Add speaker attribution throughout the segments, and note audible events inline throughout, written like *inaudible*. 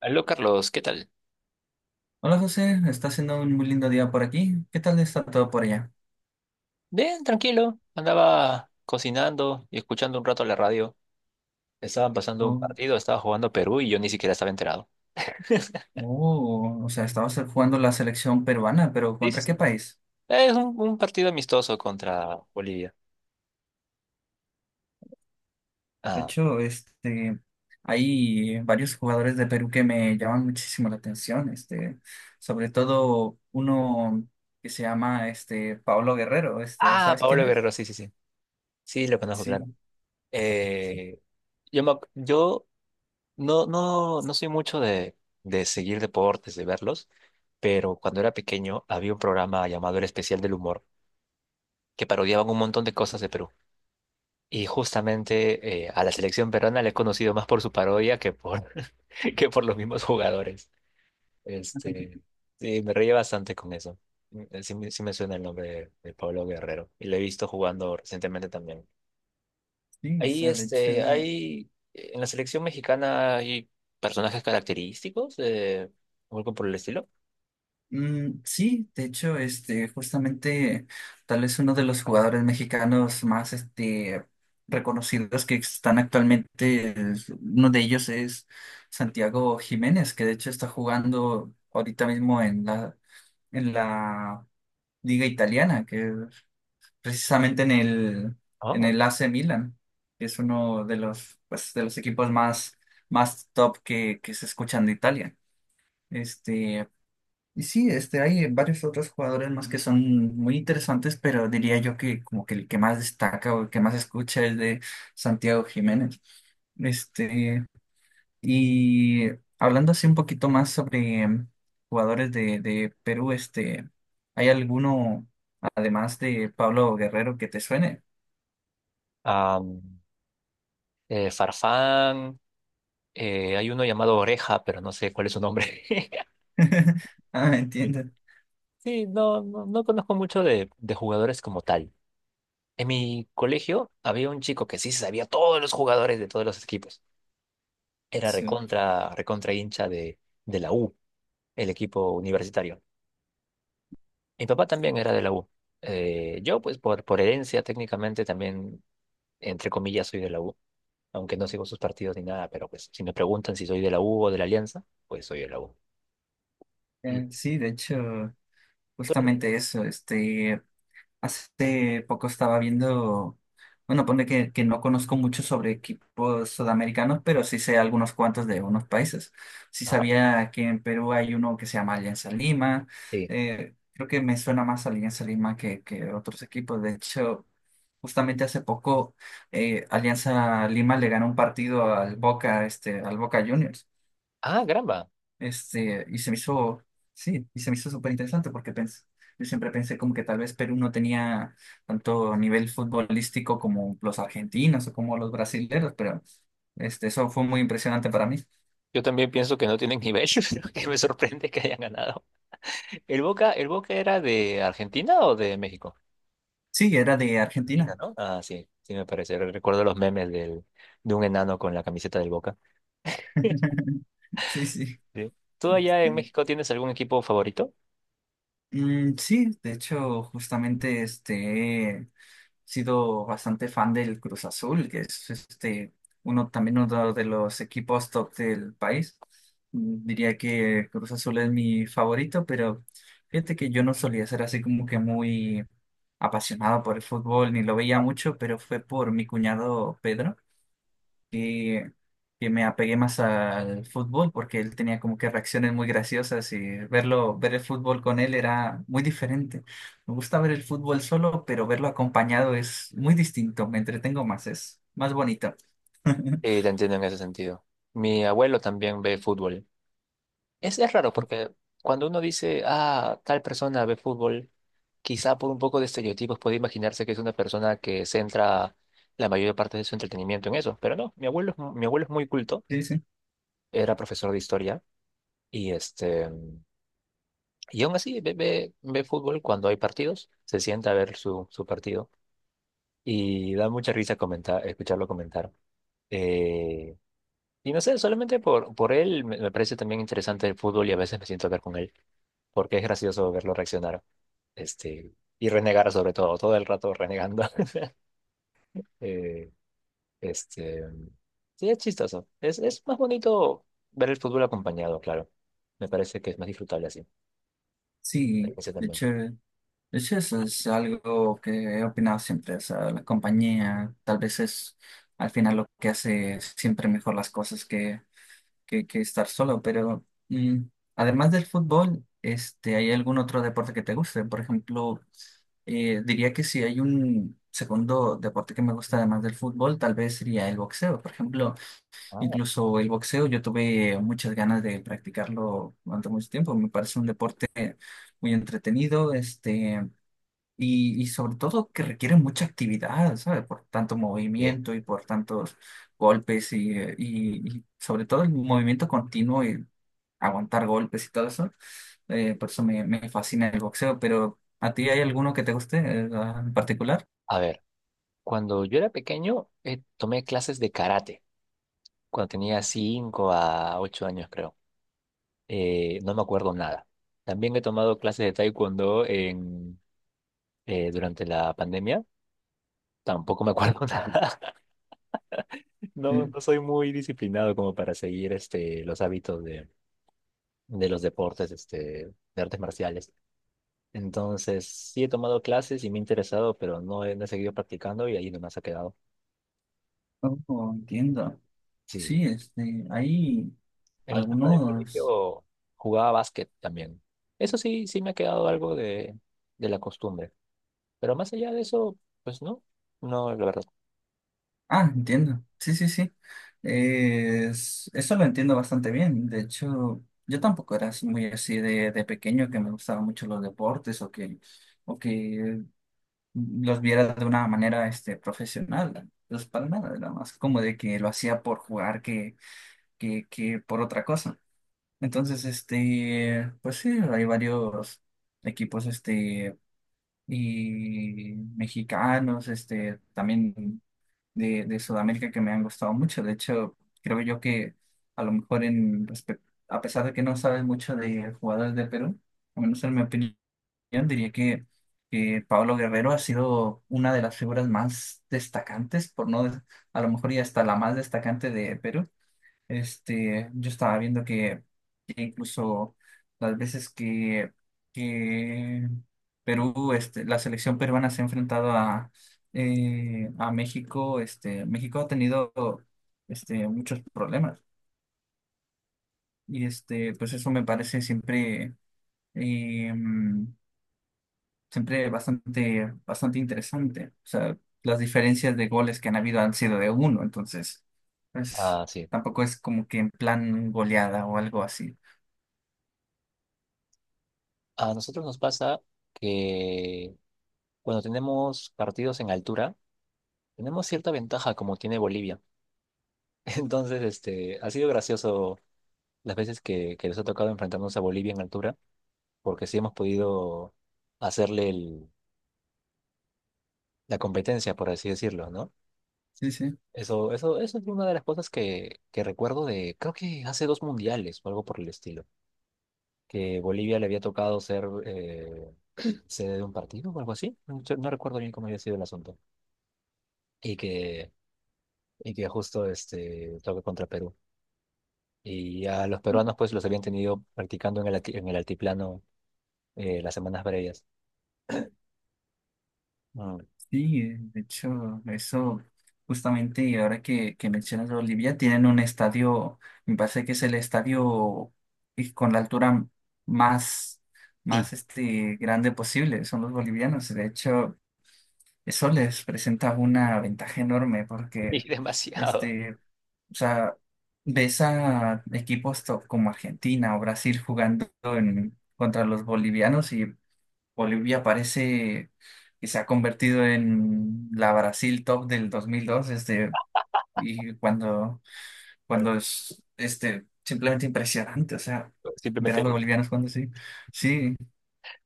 Speaker 1: Aló Carlos, ¿qué tal?
Speaker 2: Hola José, está haciendo un muy lindo día por aquí. ¿Qué tal está todo por allá?
Speaker 1: Bien, tranquilo. Andaba cocinando y escuchando un rato la radio. Estaban pasando un
Speaker 2: Oh,
Speaker 1: partido, estaba jugando Perú y yo ni siquiera estaba enterado. *laughs*
Speaker 2: oh, o sea, estabas jugando la selección peruana, pero
Speaker 1: Sí, sí,
Speaker 2: ¿contra
Speaker 1: sí.
Speaker 2: qué país?
Speaker 1: Es un partido amistoso contra Bolivia.
Speaker 2: De
Speaker 1: Ah,
Speaker 2: hecho, hay varios jugadores de Perú que me llaman muchísimo la atención, sobre todo uno que se llama Pablo Guerrero, este,
Speaker 1: ah,
Speaker 2: ¿sabes quién
Speaker 1: Paolo
Speaker 2: es?
Speaker 1: Guerrero, sí, sí, sí. Sí, lo conozco, claro.
Speaker 2: Sí,
Speaker 1: Eh, yo no, no, no soy mucho de seguir deportes, de verlos, pero cuando era pequeño había un programa llamado El Especial del Humor que parodiaban un montón de cosas de Perú. Y justamente a la selección peruana le he conocido más por su parodia que por, *laughs* que por los mismos jugadores. Este, sí, me reí bastante con eso. Mm, sí, me sí me suena el nombre de Pablo Guerrero y lo he visto jugando recientemente también.
Speaker 2: sí, o
Speaker 1: Ahí,
Speaker 2: sea, de hecho.
Speaker 1: hay, en la selección mexicana hay personajes característicos, o algo por el estilo.
Speaker 2: Mm, sí, de hecho, justamente tal vez uno de los jugadores mexicanos más reconocidos que están actualmente, uno de ellos es Santiago Jiménez, que de hecho está jugando ahorita mismo en la Liga Italiana, que precisamente en
Speaker 1: Ah,
Speaker 2: el AC Milan, que es uno de los, pues, de los equipos más, más top que se escuchan de Italia. Este, y sí, este, hay varios otros jugadores más que son muy interesantes, pero diría yo que como que el que más destaca o el que más escucha es de Santiago Jiménez. Este, y hablando así un poquito más sobre jugadores de Perú, este, ¿hay alguno, además de Pablo Guerrero, que te suene?
Speaker 1: am, Farfán, hay uno llamado Oreja, pero no sé cuál es su nombre.
Speaker 2: *laughs* Ah,
Speaker 1: *laughs*
Speaker 2: entiendo.
Speaker 1: Sí, no, no, no conozco mucho de jugadores como tal. En mi colegio había un chico que sí se sabía todos los jugadores de todos los equipos. Era
Speaker 2: Sí,
Speaker 1: recontra, recontra hincha de la U, el equipo universitario. Mi papá también era de la U. Yo, pues, por herencia, técnicamente también, entre comillas, soy de la U. Aunque no sigo sus partidos ni nada, pero pues, si me preguntan si soy de la U o de la Alianza, pues soy de la U. Y
Speaker 2: Sí, de hecho,
Speaker 1: tú eres-
Speaker 2: justamente eso, este. Hace poco estaba viendo, bueno, pone que no conozco mucho sobre equipos sudamericanos, pero sí sé algunos cuantos de unos países. Sí
Speaker 1: Ajá,
Speaker 2: sabía que en Perú hay uno que se llama Alianza Lima.
Speaker 1: sí.
Speaker 2: Eh, creo que me suena más Alianza Lima que otros equipos. De hecho, justamente hace poco Alianza Lima le ganó un partido al Boca, este, al Boca Juniors.
Speaker 1: Ah, caramba.
Speaker 2: Y se me hizo, sí, y se me hizo súper interesante porque pensé, yo siempre pensé como que tal vez Perú no tenía tanto nivel futbolístico como los argentinos o como los brasileños, pero este, eso fue muy impresionante para mí.
Speaker 1: Yo también pienso que no tienen nivel, *laughs* pero que me sorprende que hayan ganado. El Boca era de Argentina o de México?
Speaker 2: Sí, era de
Speaker 1: Argentina,
Speaker 2: Argentina.
Speaker 1: ¿no? Ah, sí, sí me parece. Recuerdo los memes del, de un enano con la camiseta del Boca. *laughs*
Speaker 2: *laughs* Sí, sí.
Speaker 1: Sí. ¿Tú allá en
Speaker 2: Este,
Speaker 1: México tienes algún equipo favorito?
Speaker 2: mm, sí, de hecho, justamente sido bastante fan del Cruz Azul, que es uno también uno de los equipos top del país. Mm, diría que Cruz Azul es mi favorito, pero fíjate que yo no solía ser así como que muy apasionado por el fútbol, ni lo veía mucho, pero fue por mi cuñado Pedro que, que me apegué más al fútbol porque él tenía como que reacciones muy graciosas y verlo, ver el fútbol con él era muy diferente. Me gusta ver el fútbol solo, pero verlo acompañado es muy distinto, me entretengo más, es más bonito. *laughs*
Speaker 1: Te entiendo en ese sentido. Mi abuelo también ve fútbol. Es raro porque cuando uno dice, ah, tal persona ve fútbol, quizá por un poco de estereotipos puede imaginarse que es una persona que centra la mayor parte de su entretenimiento en eso, pero no, mi abuelo, mi abuelo es muy culto,
Speaker 2: Sí, sí.
Speaker 1: era profesor de historia y y aún así ve, ve, ve fútbol cuando hay partidos, se sienta a ver su, su partido y da mucha risa comentar, escucharlo comentar. Eh, y no sé, solamente por él me, me parece también interesante el fútbol y a veces me siento a ver con él, porque es gracioso verlo reaccionar este, y renegar sobre todo, todo el rato renegando. *laughs* Eh, este, sí, es chistoso. Es más bonito ver el fútbol acompañado, claro. Me parece que es más disfrutable así. Me
Speaker 2: Sí,
Speaker 1: parece también.
Speaker 2: de hecho eso es algo que he opinado siempre, o sea, la compañía tal vez es al final lo que hace siempre mejor las cosas que estar solo, pero además del fútbol, este, ¿hay algún otro deporte que te guste? Por ejemplo, diría que si hay un segundo deporte que me gusta además del fútbol, tal vez sería el boxeo. Por ejemplo,
Speaker 1: Ah,
Speaker 2: incluso el boxeo yo tuve muchas ganas de practicarlo durante mucho tiempo. Me parece un deporte muy entretenido, y sobre todo que requiere mucha actividad, ¿sabes? Por tanto
Speaker 1: sí.
Speaker 2: movimiento y por tantos golpes y sobre todo el movimiento continuo y aguantar golpes y todo eso. Por eso me, me fascina el boxeo, pero ¿a ti hay alguno que te guste en particular?
Speaker 1: A ver. Cuando yo era pequeño, tomé clases de karate, cuando tenía 5 a 8 años, creo. No me acuerdo nada. También he tomado clases de taekwondo en, durante la pandemia. Tampoco me acuerdo *laughs* nada. No,
Speaker 2: Sí.
Speaker 1: no soy muy disciplinado como para seguir los hábitos de los deportes, de artes marciales. Entonces, sí he tomado clases y me he interesado, pero no he, no he seguido practicando y ahí nomás ha quedado.
Speaker 2: Oh, entiendo.
Speaker 1: Sí.
Speaker 2: Sí, este, hay
Speaker 1: En la etapa del
Speaker 2: algunos.
Speaker 1: colegio jugaba básquet también. Eso sí, sí me ha quedado algo de la costumbre. Pero más allá de eso, pues no, no, la verdad.
Speaker 2: Ah, entiendo. Sí, sí, sí. Eso lo entiendo bastante bien. De hecho, yo tampoco era así muy así de pequeño que me gustaban mucho los deportes o que los viera de una manera profesional. Pues para nada, era más como de que lo hacía por jugar que por otra cosa. Entonces, este, pues sí, hay varios equipos y mexicanos, este, también de Sudamérica que me han gustado mucho. De hecho, creo yo que a lo mejor en respecto, a pesar de que no sabes mucho de jugadores de Perú, al menos en mi opinión, diría que, que Pablo Guerrero ha sido una de las figuras más destacantes, por no, de- a lo mejor y hasta la más destacante de Perú. Este, yo estaba que incluso las veces que Perú, este, la selección peruana se ha enfrentado a México, este, México ha tenido este, muchos problemas. Y este, pues eso me parece siempre, eh, siempre bastante, bastante interesante. O sea, las diferencias de goles que han habido han sido de uno, entonces, pues
Speaker 1: Ah, sí.
Speaker 2: tampoco es como que en plan goleada o algo así.
Speaker 1: A nosotros nos pasa que cuando tenemos partidos en altura, tenemos cierta ventaja como tiene Bolivia. *laughs* Entonces, ha sido gracioso las veces que les ha tocado enfrentarnos a Bolivia en altura, porque sí hemos podido hacerle la competencia, por así decirlo, ¿no?
Speaker 2: Sí, sí,
Speaker 1: Eso es una de las cosas que recuerdo de, creo que hace dos mundiales o algo por el estilo, que Bolivia le había tocado ser sede de un partido o algo así. No recuerdo bien cómo había sido el asunto. Y que, y que justo toca contra Perú. Y a los peruanos pues los habían tenido practicando en en el altiplano las semanas previas. Mm.
Speaker 2: sí, de hecho, eso justamente, y ahora que mencionas a Bolivia, tienen un estadio, me parece que es el estadio y con la altura más,
Speaker 1: Y,
Speaker 2: más este, grande posible, son los bolivianos. De hecho, eso les presenta una ventaja enorme
Speaker 1: *laughs*
Speaker 2: porque,
Speaker 1: y demasiado.
Speaker 2: este, o sea, ves a equipos top como Argentina o Brasil jugando en, contra los bolivianos Bolivia parece que se ha convertido en la Brasil top del 2002 este, y cuando,
Speaker 1: Eh,
Speaker 2: cuando es este, simplemente impresionante, o sea, ver
Speaker 1: Simplemente
Speaker 2: a
Speaker 1: es
Speaker 2: los
Speaker 1: Bolivia.
Speaker 2: bolivianos cuando sí, sí,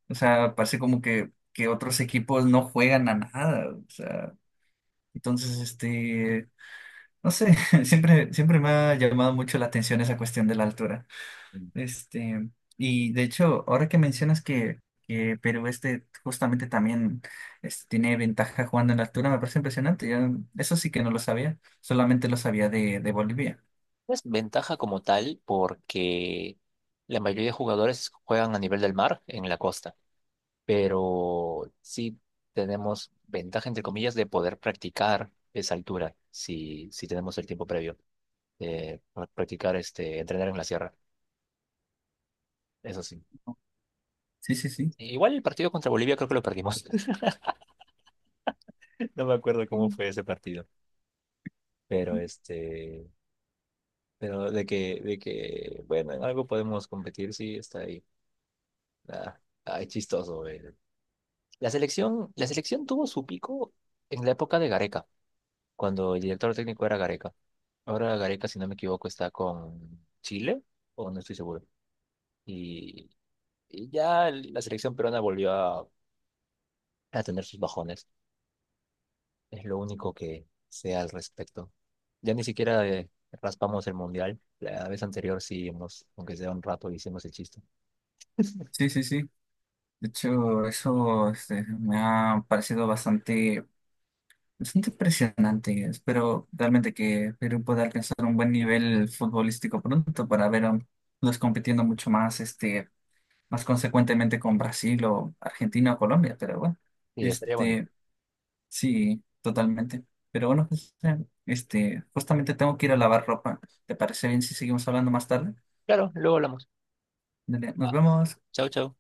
Speaker 2: o sea, parece como que otros equipos no juegan a nada, o sea, entonces, este, no sé, *laughs* siempre, siempre me ha llamado mucho la atención esa cuestión de la altura. Este, y de hecho, ahora que mencionas que Perú este justamente también este, tiene ventaja jugando en la altura, me parece impresionante. Yo, eso sí que no lo sabía, solamente lo sabía de Bolivia.
Speaker 1: Es ventaja como tal porque la mayoría de jugadores juegan a nivel del mar en la costa, pero sí tenemos ventaja, entre comillas, de poder practicar esa altura si, si tenemos el tiempo previo de practicar, entrenar en la sierra. Eso sí.
Speaker 2: Sí, sí, sí.
Speaker 1: Igual el partido contra Bolivia creo que lo perdimos. *laughs* No me acuerdo cómo
Speaker 2: Mm.
Speaker 1: fue ese partido, pero pero de que, bueno, en algo podemos competir, sí, está ahí. Ah, ay, chistoso, güey. La selección tuvo su pico en la época de Gareca, cuando el director técnico era Gareca. Ahora Gareca, si no me equivoco, está con Chile, o no estoy seguro. Y, y ya la selección peruana volvió a tener sus bajones. Es lo único que sé al respecto. Ya ni siquiera raspamos el mundial. La vez anterior sí hemos, aunque sea un rato, hicimos el chiste.
Speaker 2: Sí, sí, sí. De hecho, eso este, me ha parecido bastante. Bastante impresionante, espero realmente que Perú pueda alcanzar un buen nivel futbolístico pronto para verlos compitiendo mucho más, este, más consecuentemente con Brasil o Argentina o Colombia, pero bueno,
Speaker 1: Y estaría bonito.
Speaker 2: este, sí, totalmente. Pero bueno, José, este, justamente tengo que ir a lavar ropa. ¿Te parece bien si seguimos hablando más tarde?
Speaker 1: Claro, luego hablamos.
Speaker 2: Dale, nos
Speaker 1: Ah,
Speaker 2: vemos.
Speaker 1: chau, chau.